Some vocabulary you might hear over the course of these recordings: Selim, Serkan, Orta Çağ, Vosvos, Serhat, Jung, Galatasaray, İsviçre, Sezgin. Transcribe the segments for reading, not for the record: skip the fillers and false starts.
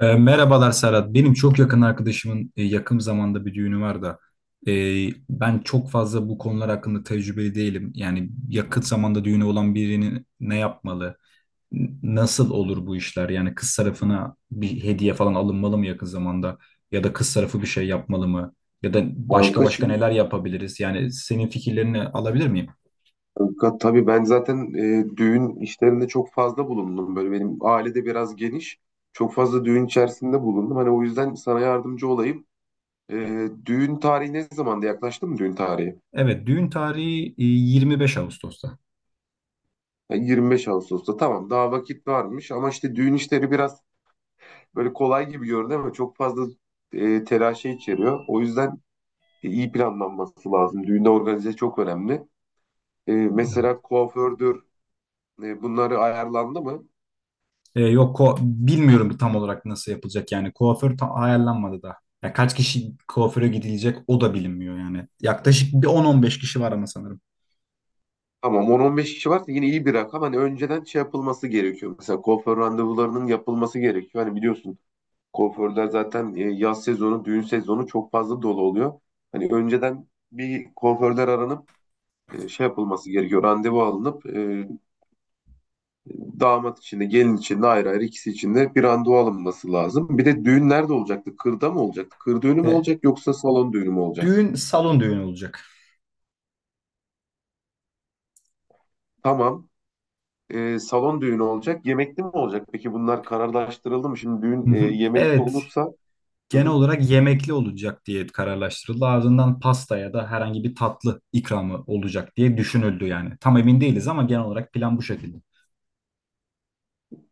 Merhabalar Serhat. Benim çok yakın arkadaşımın yakın zamanda bir düğünü var da e, ben çok fazla bu konular hakkında tecrübeli değilim. Yani yakın zamanda düğünü olan birinin ne yapmalı? Nasıl olur bu işler? Yani kız tarafına bir hediye falan alınmalı mı yakın zamanda? Ya da kız tarafı bir şey yapmalı mı? Ya da başka Kanka başka şimdi, neler yapabiliriz? Yani senin fikirlerini alabilir miyim? Tabii ben zaten düğün işlerinde çok fazla bulundum. Böyle benim aile de biraz geniş. Çok fazla düğün içerisinde bulundum. Hani o yüzden sana yardımcı olayım. Düğün tarihi ne zamanda, yaklaştı mı düğün tarihi? Evet, düğün tarihi 25 Ağustos'ta. Yani 25 Ağustos'ta, tamam, daha vakit varmış ama işte düğün işleri biraz böyle kolay gibi görünüyor ama çok fazla telaşı içeriyor. O yüzden iyi planlanması lazım. Düğünde organize çok önemli. Evet. Mesela kuafördür, bunları ayarlandı mı? Yok, bilmiyorum tam olarak nasıl yapılacak yani kuaför tam ayarlanmadı da. Ya kaç kişi kuaföre gidilecek o da bilinmiyor yani. Yaklaşık bir 10-15 kişi var ama sanırım. Tamam, 10-15 kişi varsa yine iyi bir rakam. Hani önceden şey yapılması gerekiyor. Mesela kuaför randevularının yapılması gerekiyor. Hani biliyorsun, kuaförler zaten yaz sezonu, düğün sezonu çok fazla dolu oluyor. Hani önceden bir kuaförler aranıp şey yapılması gerekiyor. Randevu alınıp damat için de gelin için de ayrı ayrı ikisi için de bir randevu alınması lazım. Bir de düğün nerede olacaktı? Kırda mı olacaktı? Kır düğünü mü Ve olacak yoksa salon düğünü mü olacak? düğün salon düğünü olacak. Tamam. Salon düğünü olacak. Yemekli mi olacak? Peki bunlar kararlaştırıldı mı? Şimdi düğün Hı hı. yemekli Evet, olursa... Hı genel hı. olarak yemekli olacak diye kararlaştırıldı. Ardından pasta ya da herhangi bir tatlı ikramı olacak diye düşünüldü yani. Tam emin değiliz ama genel olarak plan bu şekilde.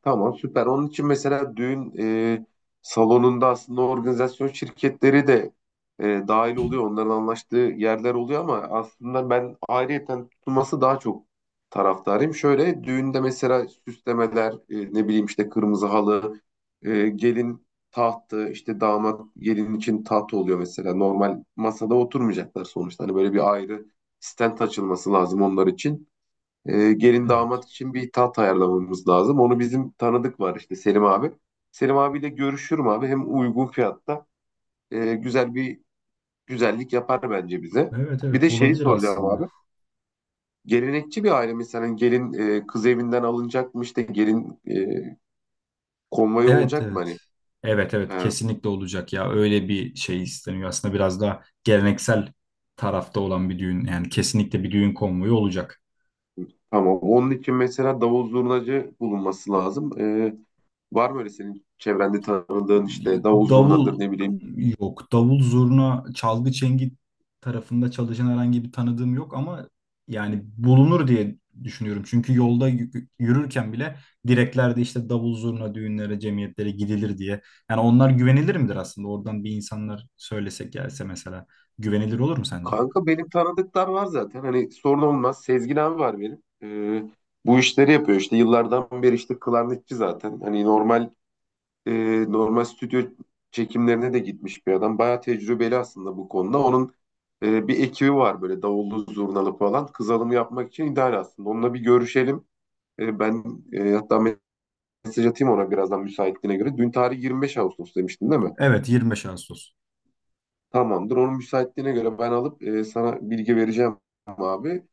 Tamam, süper. Onun için mesela düğün salonunda aslında organizasyon şirketleri de dahil oluyor. Onların anlaştığı yerler oluyor ama aslında ben ayrıyeten tutulması daha çok taraftarıyım. Şöyle düğünde mesela süslemeler, ne bileyim işte kırmızı halı, gelin tahtı, işte damat gelin için taht oluyor mesela. Normal masada oturmayacaklar sonuçta. Hani böyle bir ayrı stent açılması lazım onlar için, gelin Evet. damat için bir taht ayarlamamız lazım. Onu bizim tanıdık var, işte Selim abi. Selim abiyle görüşürüm abi. Hem uygun fiyatta güzel bir güzellik yapar bence bize. Evet, Bir de evet şeyi olabilir soracağım aslında. abi. Gelenekçi bir aile mi? Hani gelin, kız evinden alınacak mı? İşte gelin, konvoyu Evet, olacak mı evet. hani? Evet, evet E, kesinlikle olacak ya. Öyle bir şey isteniyor. Aslında biraz daha geleneksel tarafta olan bir düğün. Yani kesinlikle bir düğün konvoyu olacak. tamam. Onun için mesela davul zurnacı bulunması lazım. Var mı öyle senin çevrende tanıdığın, işte davul zurnadır Davul ne bileyim. yok. Davul zurna, çalgı çengi tarafında çalışan herhangi bir tanıdığım yok ama yani bulunur diye düşünüyorum. Çünkü yolda yürürken bile direklerde işte davul zurna düğünlere, cemiyetlere gidilir diye. Yani onlar güvenilir midir aslında? Oradan bir insanlar söylesek gelse mesela güvenilir olur mu sence? Kanka, benim tanıdıklar var zaten. Hani sorun olmaz. Sezgin abi var benim. Bu işleri yapıyor işte. Yıllardan beri işte klarnetçi zaten. Hani normal, e, normal stüdyo çekimlerine de gitmiş bir adam. Bayağı tecrübeli aslında bu konuda. Onun bir ekibi var böyle davullu zurnalı falan. Kız alımı yapmak için ideal aslında. Onunla bir görüşelim. Hatta mesaj atayım ona birazdan müsaitliğine göre. Dün tarih 25 Ağustos demiştin değil mi? Evet, 25 Ağustos. Tamamdır. Onun müsaitliğine göre ben alıp sana bilgi vereceğim abi.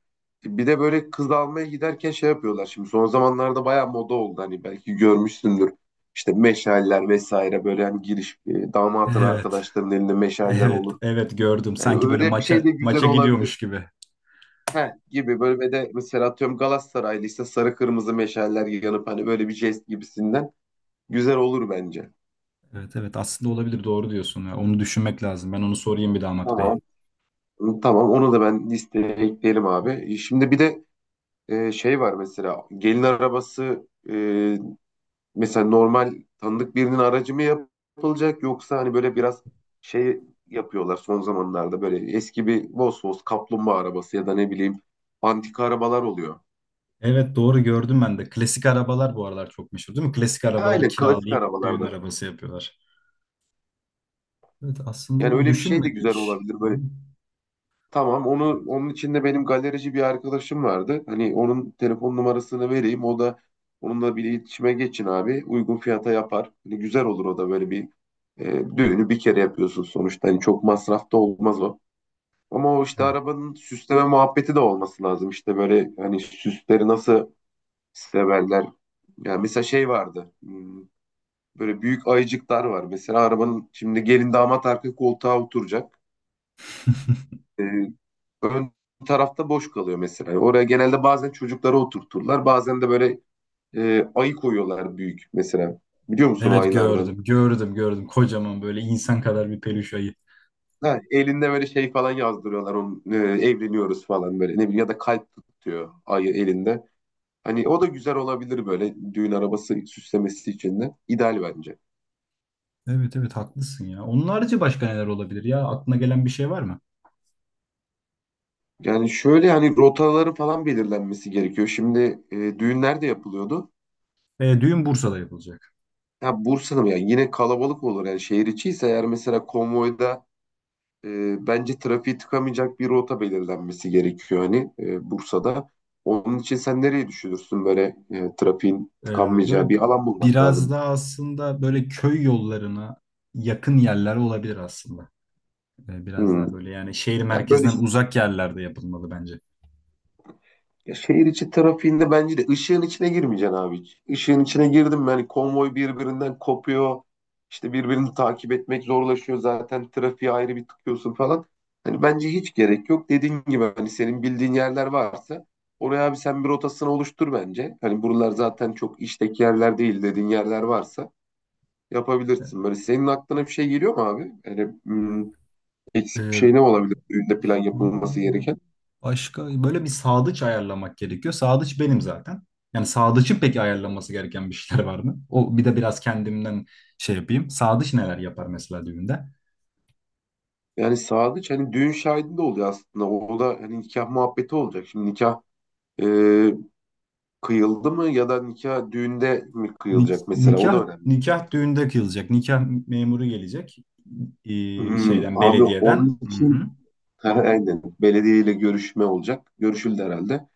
Bir de böyle kız almaya giderken şey yapıyorlar şimdi. Son zamanlarda bayağı moda oldu. Hani belki görmüşsündür. İşte meşaller vesaire, böyle hani giriş, damatın Evet. arkadaşlarının elinde meşaller Evet. olur. Evet gördüm. Yani Sanki böyle öyle bir şey maça de güzel maça olabilir. gidiyormuş gibi. Heh, gibi böyle, ve de mesela atıyorum Galatasaraylıysa sarı kırmızı meşaller yanıp hani böyle bir jest gibisinden güzel olur bence. Evet, evet aslında olabilir, doğru diyorsun ya. Onu düşünmek lazım. Ben onu sorayım bir damat bey. Tamam. Tamam, onu da ben listeye ekleyelim abi. Şimdi bir de şey var, mesela gelin arabası, mesela normal tanıdık birinin aracı mı yapılacak, yoksa hani böyle biraz şey yapıyorlar son zamanlarda, böyle eski bir Vosvos kaplumbağa arabası ya da ne bileyim antika arabalar oluyor. Evet, doğru gördüm ben de. Klasik arabalar bu aralar çok meşhur değil mi? Klasik arabaları Aynen, klasik kiralayıp düğün arabalardan. arabası yapıyorlar. Evet, aslında Yani onu öyle bir şey de güzel düşünmedik. olabilir böyle. Tamam, onu, onun içinde benim galerici bir arkadaşım vardı. Hani onun telefon numarasını vereyim. O da, onunla bir iletişime geçin abi. Uygun fiyata yapar. Hani güzel olur o da. Böyle bir düğünü bir kere yapıyorsun sonuçta. Hani çok masrafta olmaz o. Ama o işte Evet. arabanın süsleme muhabbeti de olması lazım. İşte böyle hani süsleri nasıl severler. Yani mesela şey vardı. Böyle büyük ayıcıklar var. Mesela arabanın, şimdi gelin damat arka koltuğa oturacak, e, ön tarafta boş kalıyor mesela. Oraya genelde bazen çocukları oturturlar. Bazen de böyle ayı koyuyorlar, büyük mesela. Biliyor musun o Evet ayılardan? gördüm, gördüm, gördüm. Kocaman böyle insan kadar bir peluş ayı. Ha, elinde böyle şey falan yazdırıyorlar. Onun, evleniyoruz falan böyle. Ne bileyim, ya da kalp tutuyor ayı elinde. Hani o da güzel olabilir böyle düğün arabası süslemesi için de. İdeal bence. Evet, evet haklısın ya. Onun harici başka neler olabilir ya? Aklına gelen bir şey var mı? Yani şöyle hani rotaların falan belirlenmesi gerekiyor. Şimdi düğünler de yapılıyordu. Düğün Bursa'da yapılacak. Ya, Bursa'da mı? Yani yine kalabalık olur. Yani şehir içi ise eğer, mesela konvoyda bence trafiği tıkamayacak bir rota belirlenmesi gerekiyor hani, Bursa'da. Onun için sen nereyi düşünürsün? Böyle trafiğin Ee, Böyle tıkanmayacağı bir alan bulmak biraz lazım. daha aslında böyle köy yollarına yakın yerler olabilir aslında. Biraz Hmm. daha böyle yani şehir Ya böyle, merkezinden uzak yerlerde yapılmalı bence. ya şehir içi trafiğinde bence de ışığın içine girmeyeceksin abi hiç. Işığın içine girdim mi hani konvoy birbirinden kopuyor. İşte birbirini takip etmek zorlaşıyor zaten. Trafiğe ayrı bir tıkıyorsun falan. Hani bence hiç gerek yok. Dediğin gibi hani senin bildiğin yerler varsa, oraya abi sen bir rotasını oluştur bence. Hani buralar zaten çok işteki yerler değil, dediğin yerler varsa yapabilirsin. Böyle senin aklına bir şey geliyor mu abi? Yani eksik bir Ee, şey ne olabilir? Düğünde plan yapılması Vallahi gereken. başka böyle bir sağdıç ayarlamak gerekiyor. Sağdıç benim zaten. Yani sağdıçın peki ayarlanması gereken bir şeyler var mı? O bir de biraz kendimden şey yapayım. Sağdıç neler yapar mesela düğünde? Yani sadıç hani düğün şahidi de oluyor aslında. O da, hani nikah muhabbeti olacak. Şimdi nikah e, kıyıldı mı ya da nikah düğünde mi Nik- kıyılacak mesela, o da nikah önemli. nikah düğünde kıyılacak. Nikah memuru gelecek. Hmm, Şeyden, abi belediyeden. onun Hı için hı. Ha, aynen, belediyeyle görüşme olacak. Görüşüldü herhalde.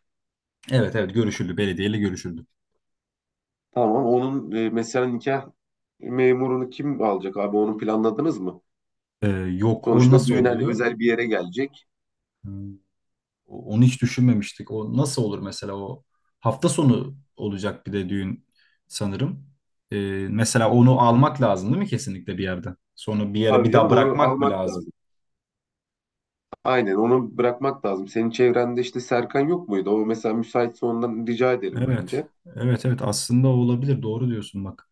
Evet, evet görüşüldü. Belediyeyle görüşüldü. Tamam, onun mesela nikah memurunu kim alacak abi, onu planladınız mı? Yok, o Sonuçta nasıl düğün hani oluyor? özel bir yere gelecek. Hmm, Onu hiç düşünmemiştik. O nasıl olur mesela, o hafta sonu olacak bir de düğün sanırım. Mesela onu almak lazım değil mi kesinlikle bir yerden? Sonra bir yere Tabii bir daha canım, onu bırakmak mı almak lazım? lazım. Aynen, onu bırakmak lazım. Senin çevrende işte Serkan yok muydu? O mesela müsaitse ondan rica edelim Evet. bence. Evet, evet aslında o olabilir. Doğru diyorsun bak.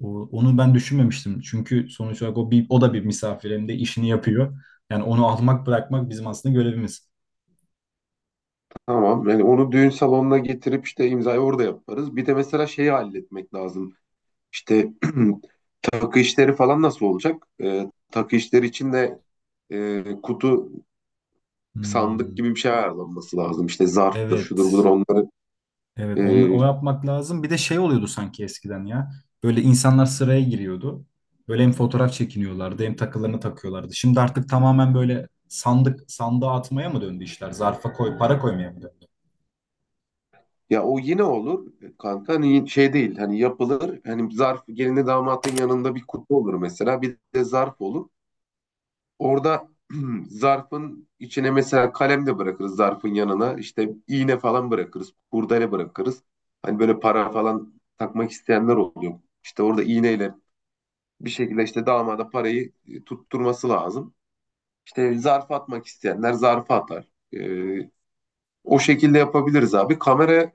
Onu ben düşünmemiştim. Çünkü sonuç olarak o bir, o da bir misafir hem de işini yapıyor. Yani onu almak bırakmak bizim aslında görevimiz. Tamam. Yani onu düğün salonuna getirip işte imzayı orada yaparız. Bir de mesela şeyi halletmek lazım. İşte takı işleri falan nasıl olacak? Takı işleri için de kutu sandık Hmm, gibi bir şey ayarlanması lazım. İşte zarftır, şudur budur evet. onları. Evet, onu, Ee, o yapmak lazım. Bir de şey oluyordu sanki eskiden ya. Böyle insanlar sıraya giriyordu. Böyle hem fotoğraf çekiniyorlardı hem takılarını takıyorlardı. Şimdi artık tamamen böyle sandık sandığa atmaya mı döndü işler? Zarfa koy, para koymaya mı döndü? ya o yine olur kanka. Hani şey değil. Hani yapılır. Hani zarf, gelinle damatın yanında bir kutu olur mesela. Bir de zarf olur. Orada zarfın içine mesela kalem de bırakırız zarfın yanına. İşte iğne falan bırakırız. Kurdele bırakırız. Hani böyle para falan takmak isteyenler oluyor. İşte orada iğneyle bir şekilde işte damada parayı tutturması lazım. İşte zarf atmak isteyenler zarfı atar. Ee, O şekilde yapabiliriz abi. Kamerayı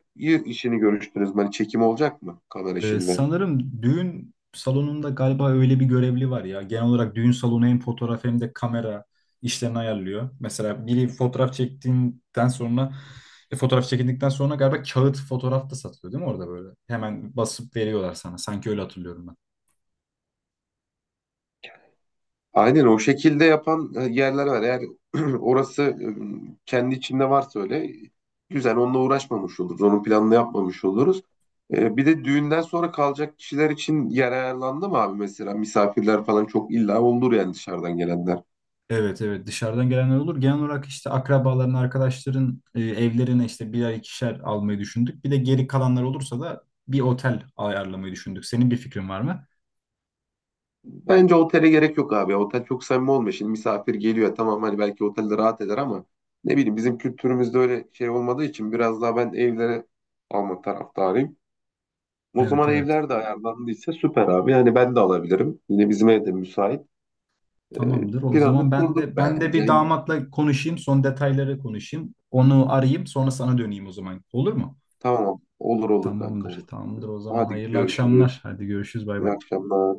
işini görüştünüz mü? Hani çekim olacak mı kamera işinde? Sanırım düğün salonunda galiba öyle bir görevli var ya. Genel olarak düğün salonu hem fotoğraf hem de kamera işlerini ayarlıyor. Mesela biri fotoğraf çektiğinden sonra fotoğraf çekindikten sonra galiba kağıt fotoğraf da satılıyor değil mi orada böyle? Hemen basıp veriyorlar sana. Sanki öyle hatırlıyorum ben. Aynen, o şekilde yapan yerler var. Eğer orası kendi içinde varsa, öyle güzel, onunla uğraşmamış oluruz. Onun planını yapmamış oluruz. Bir de düğünden sonra kalacak kişiler için yer ayarlandı mı abi mesela? Misafirler falan çok illa olur yani, dışarıdan gelenler. Evet, evet dışarıdan gelenler olur. Genel olarak işte akrabaların, arkadaşların evlerine işte birer ikişer almayı düşündük. Bir de geri kalanlar olursa da bir otel ayarlamayı düşündük. Senin bir fikrin var mı? Bence otele gerek yok abi. Otel çok samimi olmuyor. Şimdi misafir geliyor, tamam, hani belki otelde rahat eder ama ne bileyim, bizim kültürümüzde öyle şey olmadığı için biraz daha ben evlere alma taraftarıyım. O Evet, zaman evet. evler de ayarlandıysa süper abi. Yani ben de alabilirim. Yine bizim ev de müsait. Tamamdır. O zaman Planını ben kurduk de ben de bence. bir damatla konuşayım, son detayları konuşayım. Onu arayayım, sonra sana döneyim o zaman. Olur mu? Tamam, olur olur kanka, Tamamdır. olur. Tamamdır. O zaman Hadi hayırlı görüşürüz. akşamlar. Hadi görüşürüz. Bay İyi bay. akşamlar.